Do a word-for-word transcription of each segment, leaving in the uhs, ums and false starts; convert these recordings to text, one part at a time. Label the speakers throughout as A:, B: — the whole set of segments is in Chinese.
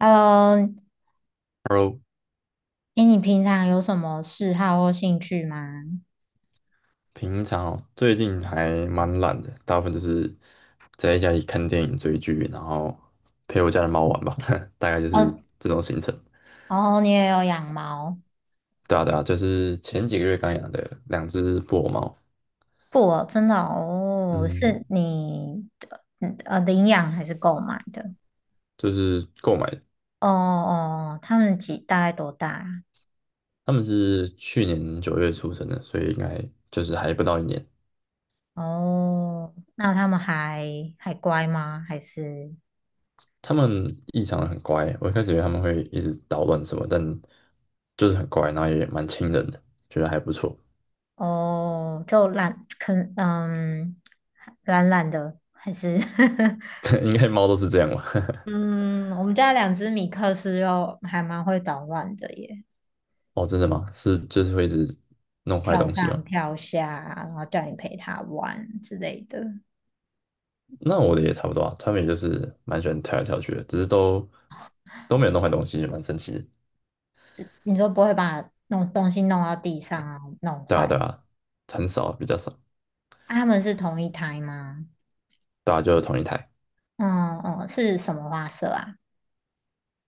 A: Hello,
B: Hello，
A: 哎，你平常有什么嗜好或兴趣吗？
B: 平常哦最近还蛮懒的，大部分就是宅在家里看电影、追剧，然后陪我家的猫玩吧，大概就是
A: 哦，
B: 这种行程。
A: 哦，你也有养猫？
B: 对啊，对啊，就是前几个月刚养的两只布偶猫。
A: 不哦真的哦，
B: 嗯，
A: 是你嗯呃领养还是购买的？
B: 就是购买的。
A: 哦哦，他们几大概多大啊？
B: 它们是去年九月出生的，所以应该就是还不到一年。
A: 哦，那他们还还乖吗？还是？
B: 它们异常的很乖，我一开始以为它们会一直捣乱什么，但就是很乖，然后也蛮亲人的，觉得还不错。
A: 哦就懒，可嗯懒懒的，还是？
B: 应该猫都是这样吧。
A: 嗯，我们家两只米克斯又还蛮会捣乱的耶。
B: 哦，真的吗？是就是会一直弄坏
A: 跳
B: 东西
A: 上
B: 吗？
A: 跳下，然后叫你陪他玩之类的。
B: 那我的也差不多啊，他们也就是蛮喜欢跳来跳去的，只是都都没有弄坏东西，也蛮神奇的。
A: 你说不会把弄东西弄到地上啊，弄
B: 对啊，
A: 坏？
B: 对啊，很少，比较少。
A: 啊，他们是同一胎吗？
B: 大家就是同一台。
A: 嗯嗯，是什么花色啊？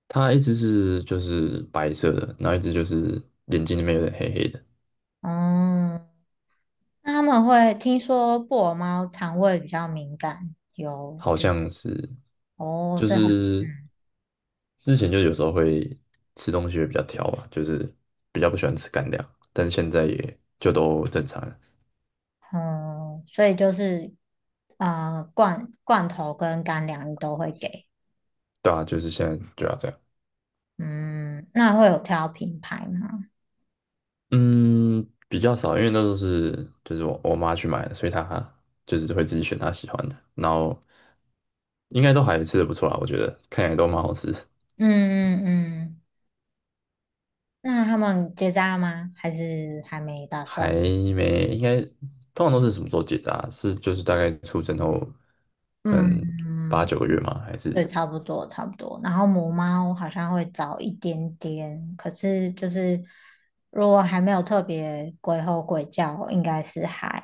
B: 它一只是就是白色的，然后一只就是眼睛里面有点黑黑的，
A: 嗯，那他们会，听说布偶猫肠胃比较敏感，有
B: 好
A: 就？
B: 像是。
A: 哦，
B: 就
A: 所以很？
B: 是
A: 嗯
B: 之前就有时候会吃东西会比较挑吧，就是比较不喜欢吃干粮，但是现在也就都正常了。
A: 嗯，所以就是呃罐罐头跟干粮你都会给，
B: 对啊，就是现在就要这样。
A: 嗯，那会有挑品牌吗？
B: 嗯，比较少，因为那都是就是我我妈去买的，所以她就是会自己选她喜欢的，然后应该都还吃的不错啦，我觉得看起来都蛮好吃的。
A: 嗯嗯嗯。那他们结扎了吗？还是还没打
B: 还
A: 算？
B: 没。应该通常都是什么时候结扎啊？是就是大概出生后可能八
A: 嗯，
B: 九个月吗？还是
A: 对，差不多差不多。然后母猫好像会早一点点，可是就是如果还没有特别鬼吼鬼叫，应该是还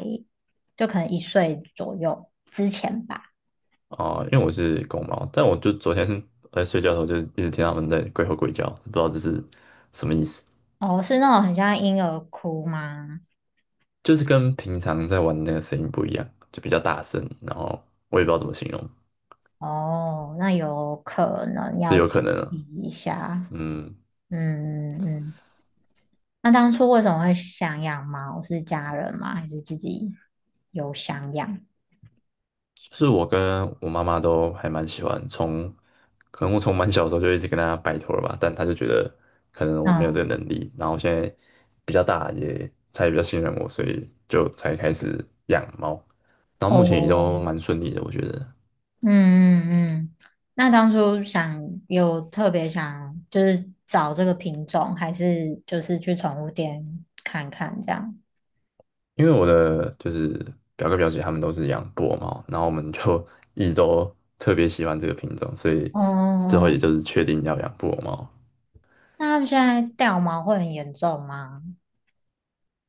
A: 就可能一岁左右之前吧。
B: 啊、因为我是公猫，但我就昨天在睡觉的时候就一直听他们在鬼吼鬼叫，不知道这是什么意思。
A: 哦，是那种很像婴儿哭吗？
B: 就是跟平常在玩的那个声音不一样，就比较大声，然后我也不知道怎么形容，
A: 哦，那有可能
B: 这
A: 要
B: 有
A: 注
B: 可能
A: 意
B: 啊。
A: 一下。
B: 嗯，
A: 嗯嗯。嗯，那当初为什么会想养猫？是家人吗？还是自己有想养？
B: 是我跟我妈妈都还蛮喜欢，从可能我从蛮小的时候就一直跟她拜托了吧，但她就觉得可能我没有
A: 嗯，
B: 这个能力，然后现在比较大也，她也比较信任我，所以就才开始养猫，然后目前也
A: 哦，
B: 都蛮顺利的，我觉得。
A: 嗯嗯嗯。那当初想，有特别想就是找这个品种，还是就是去宠物店看看这样？
B: 因为我的就是表哥表姐他们都是养布偶猫，然后我们就 一直都特别喜欢这个品种，所以之后
A: 哦，
B: 也就是确定要养布偶猫。
A: 那他们现在掉毛会很严重吗？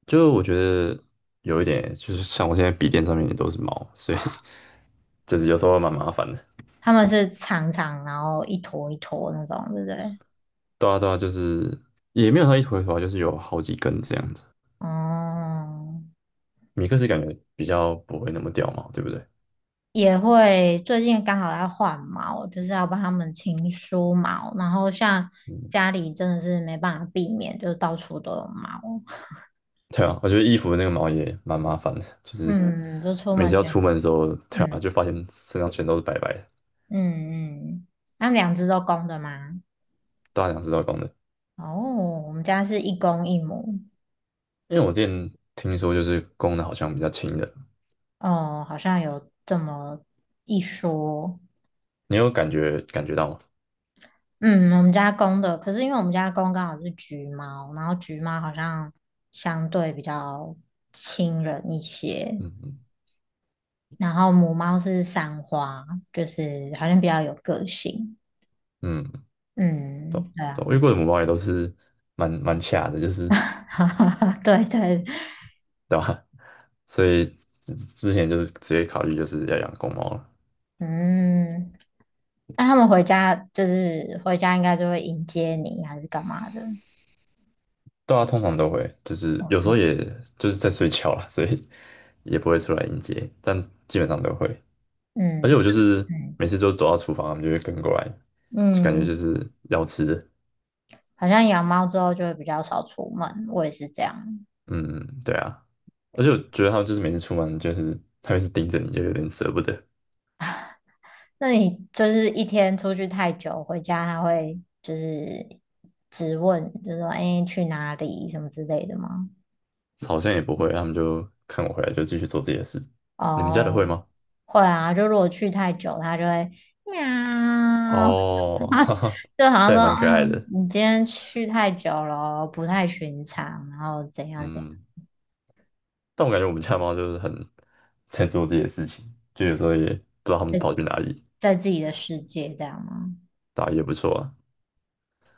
B: 就我觉得有一点，就是像我现在笔电上面也都是毛，所以 就是有时候蛮麻烦的。
A: 他们是长长，然后一坨一坨那种，对不对？
B: 对啊，对啊，就是也没有它一坨一坨啊就是有好几根这样子。
A: 哦，
B: 米克斯感觉比较不会那么掉毛，对不对？
A: 也会，最近刚好在换毛，就是要帮他们清梳毛，然后像
B: 嗯，
A: 家里真的是没办法避免，就是到处都有毛，
B: 对啊，我觉得衣服的那个毛也蛮麻烦的，就是
A: 嗯，嗯，就出
B: 每
A: 门
B: 次要
A: 前，
B: 出门的时候，对啊，
A: 嗯
B: 就发现身上全都是白白的。
A: 嗯嗯，他们两只都公的吗？
B: 大两只都是公的。
A: 哦，我们家是一公一母，
B: 因为我之前听说，就是公的好像比较轻的，
A: 哦，好像有这么一说，
B: 你有感觉感觉到吗？
A: 嗯，我们家公的，可是因为我们家公刚好是橘猫，然后橘猫好像相对比较亲人一些。
B: 嗯嗯。
A: 然后母猫是三花，就是好像比较有个性。
B: 嗯，
A: 嗯，对
B: 对，我遇
A: 啊，
B: 过的母猫也都是蛮蛮卡的，就是
A: 对对，
B: 对吧？所以之之前就是直接考虑就是要养公猫了。
A: 嗯，那他们回家，就是回家应该就会迎接你，还是干嘛的？
B: 对啊，通常都会，就是有时候
A: 嗯
B: 也就是在睡觉啦，所以也不会出来迎接，但基本上都会。而
A: 嗯
B: 且我就是
A: 嗯
B: 每次都走到厨房，他们就会跟过来，就感觉
A: 嗯，
B: 就是要吃的。
A: 好像养猫之后就会比较少出门，我也是这样。
B: 嗯，对啊。而且我觉得他们就是每次出门，就是他们是盯着你，就有点舍不得。
A: 那你就是一天出去太久，回家它会就是质问，就说哎、诶去哪里什么之类的吗？
B: 好像也不会，他们就看我回来就继续做自己的事。你们家的
A: 哦，
B: 会吗？
A: 会啊，就如果去太久，它就会喵，
B: 哦，哈哈，
A: 就好像
B: 这
A: 说，
B: 也蛮可爱
A: 嗯，
B: 的。
A: 你今天去太久了，不太寻常，然后怎样怎样，
B: 嗯，但我感觉我们家的猫就是很在做自己的事情，就有时候也不知道它们跑去哪里，
A: 在自己的世界这样吗？
B: 打也不错啊。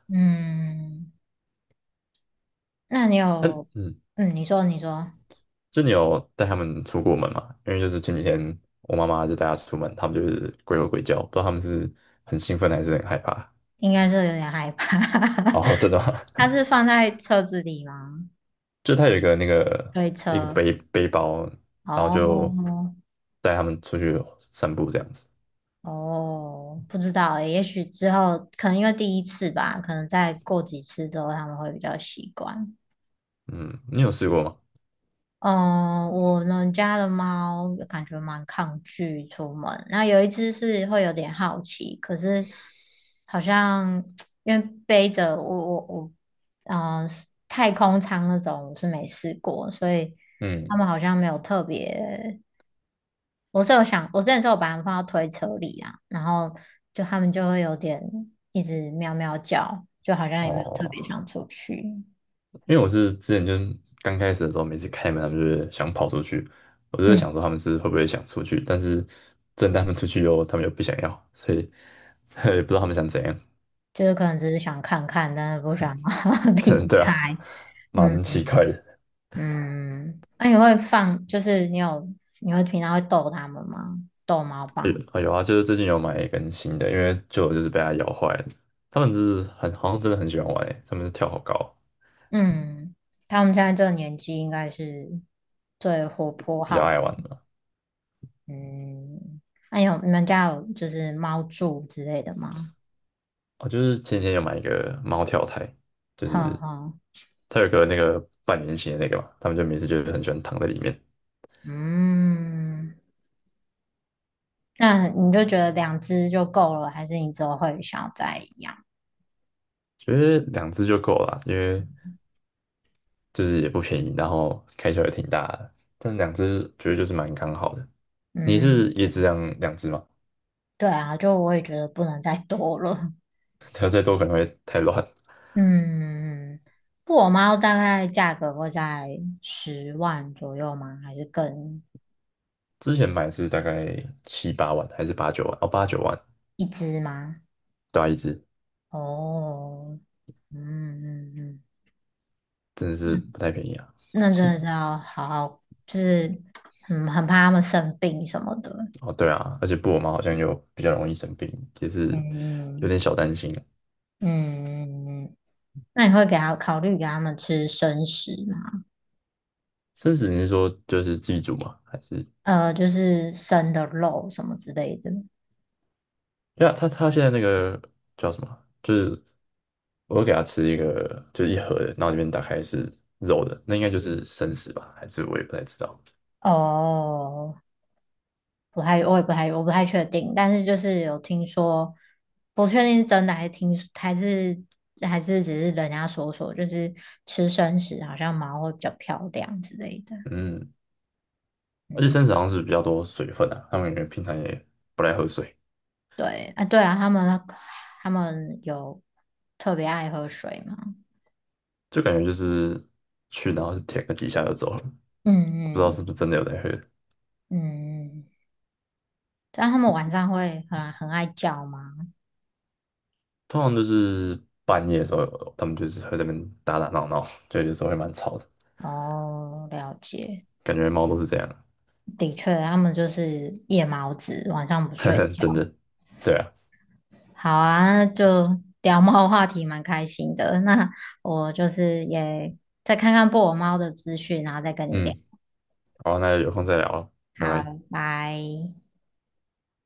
A: 嗯，那你有，
B: 嗯嗯，
A: 嗯，你说你说，
B: 就你有带它们出过门吗？因为就是前几天我妈妈就带它出门，它们就是鬼吼鬼叫，不知道它们是很兴奋还是很害怕。
A: 应该是有点害怕，
B: 哦，真的吗？
A: 它是 放在车子里吗？
B: 就它有一个那个
A: 推
B: 一个
A: 车？
B: 背背包，然后
A: 哦
B: 就带它们出去散步这样子。
A: 哦，不知道欸，也许之后可能因为第一次吧，可能再过几次之后他们会比较习惯。
B: 嗯，你有试过吗？
A: 嗯，我们家的猫感觉蛮抗拒出门。那有一只是会有点好奇，可是好像 因为背着我我我，嗯、呃，太空舱那种我是没试过，所以他
B: 嗯，
A: 们好像没有特别。我是有想，我之前是有把它们放到推车里啊，然后就他们就会有点一直喵喵叫，就好像也没有特别
B: 哦。
A: 想出去。
B: 因为我是之前就是刚开始的时候，每次开门他们就是想跑出去，我就在
A: 嗯。
B: 想说他们是会不会想出去，但是真的他们出去以后，他们又不想要，所以 也不知道他们想怎样。
A: 就是可能只是想看看，但是不想 离
B: 对啊，
A: 开。嗯
B: 蛮奇怪的。
A: 嗯，那、你会放，就是你有，你会平常会逗他们吗？逗猫棒？
B: 有有啊，就是最近有买一根新的，因为旧的就是被它咬坏了。他们就是很好像真的很喜欢玩诶，他们跳好高，
A: 嗯，他们现在这个年纪应该是最活泼
B: 比较
A: 好奇。
B: 爱玩嘛。
A: 嗯，那、有，你们家有就是猫柱之类的吗？
B: 哦，就是前几天有买一个猫跳台，就
A: 哈
B: 是
A: 哈，
B: 它有个那个半圆形的那个嘛，他们就每次就是很喜欢躺在里面。
A: 嗯，那你就觉得两只就够了，还是你之后会想要再养？
B: 觉得两只就够了，因为就是也不便宜，然后开销也挺大的，但两只觉得就是蛮刚好的。你是
A: 嗯，
B: 也只养两只吗？
A: 对啊，就我也觉得不能再多了。
B: 它再多可能会太乱。
A: 嗯，布偶猫大概价格会在十万左右吗？还是更？
B: 之前买是大概七八万还是八九万？哦，八九万，
A: 一只吗？
B: 对啊，一只
A: 哦，嗯嗯嗯，
B: 真的是不太便宜啊。
A: 那真
B: 现
A: 的是要好好，就是很很怕它们生病什么的。
B: 哦，对啊，而且布偶猫好像又比较容易生病，也是有
A: 嗯
B: 点小担心啊。
A: 嗯，那你会给它考虑给它们吃生食吗？
B: 生死你是说就是自己煮吗？还是？
A: 呃，就是生的肉什么之类的。
B: 因为他他现在那个叫什么？就是我会给他吃一个，就是一盒的，然后里面打开是肉的，那应该就是生食吧？还是我也不太知道。
A: 哦，不太，我也不太，我不太确定，但是就是有听说，不确定是真的还是听，还是还是只是人家说说，就是吃生食好像毛会比较漂亮之类的。
B: 嗯，而且
A: 嗯，
B: 生食好像是比较多水分啊，他们感觉平常也不太喝水，
A: 对，啊，对啊，他们他们有特别爱喝水吗？
B: 就感觉就是去然后是舔个几下就走了，不知道
A: 嗯
B: 是不是
A: 嗯
B: 真的有在喝。
A: 嗯，但他们晚上会很很爱叫吗？
B: 通常都是半夜的时候，他们就是会在那边打打闹闹，就有时候会蛮吵的，
A: 哦，了解，
B: 感觉猫都是这样，
A: 的确，他们就是夜猫子，晚上不睡
B: 真
A: 觉。
B: 的。对啊，
A: 好啊，那就聊猫话题蛮开心的。那我就是也再看看布偶猫的资讯，然后再跟你聊。
B: 嗯，好，那有空再聊了，拜拜。
A: 好，拜。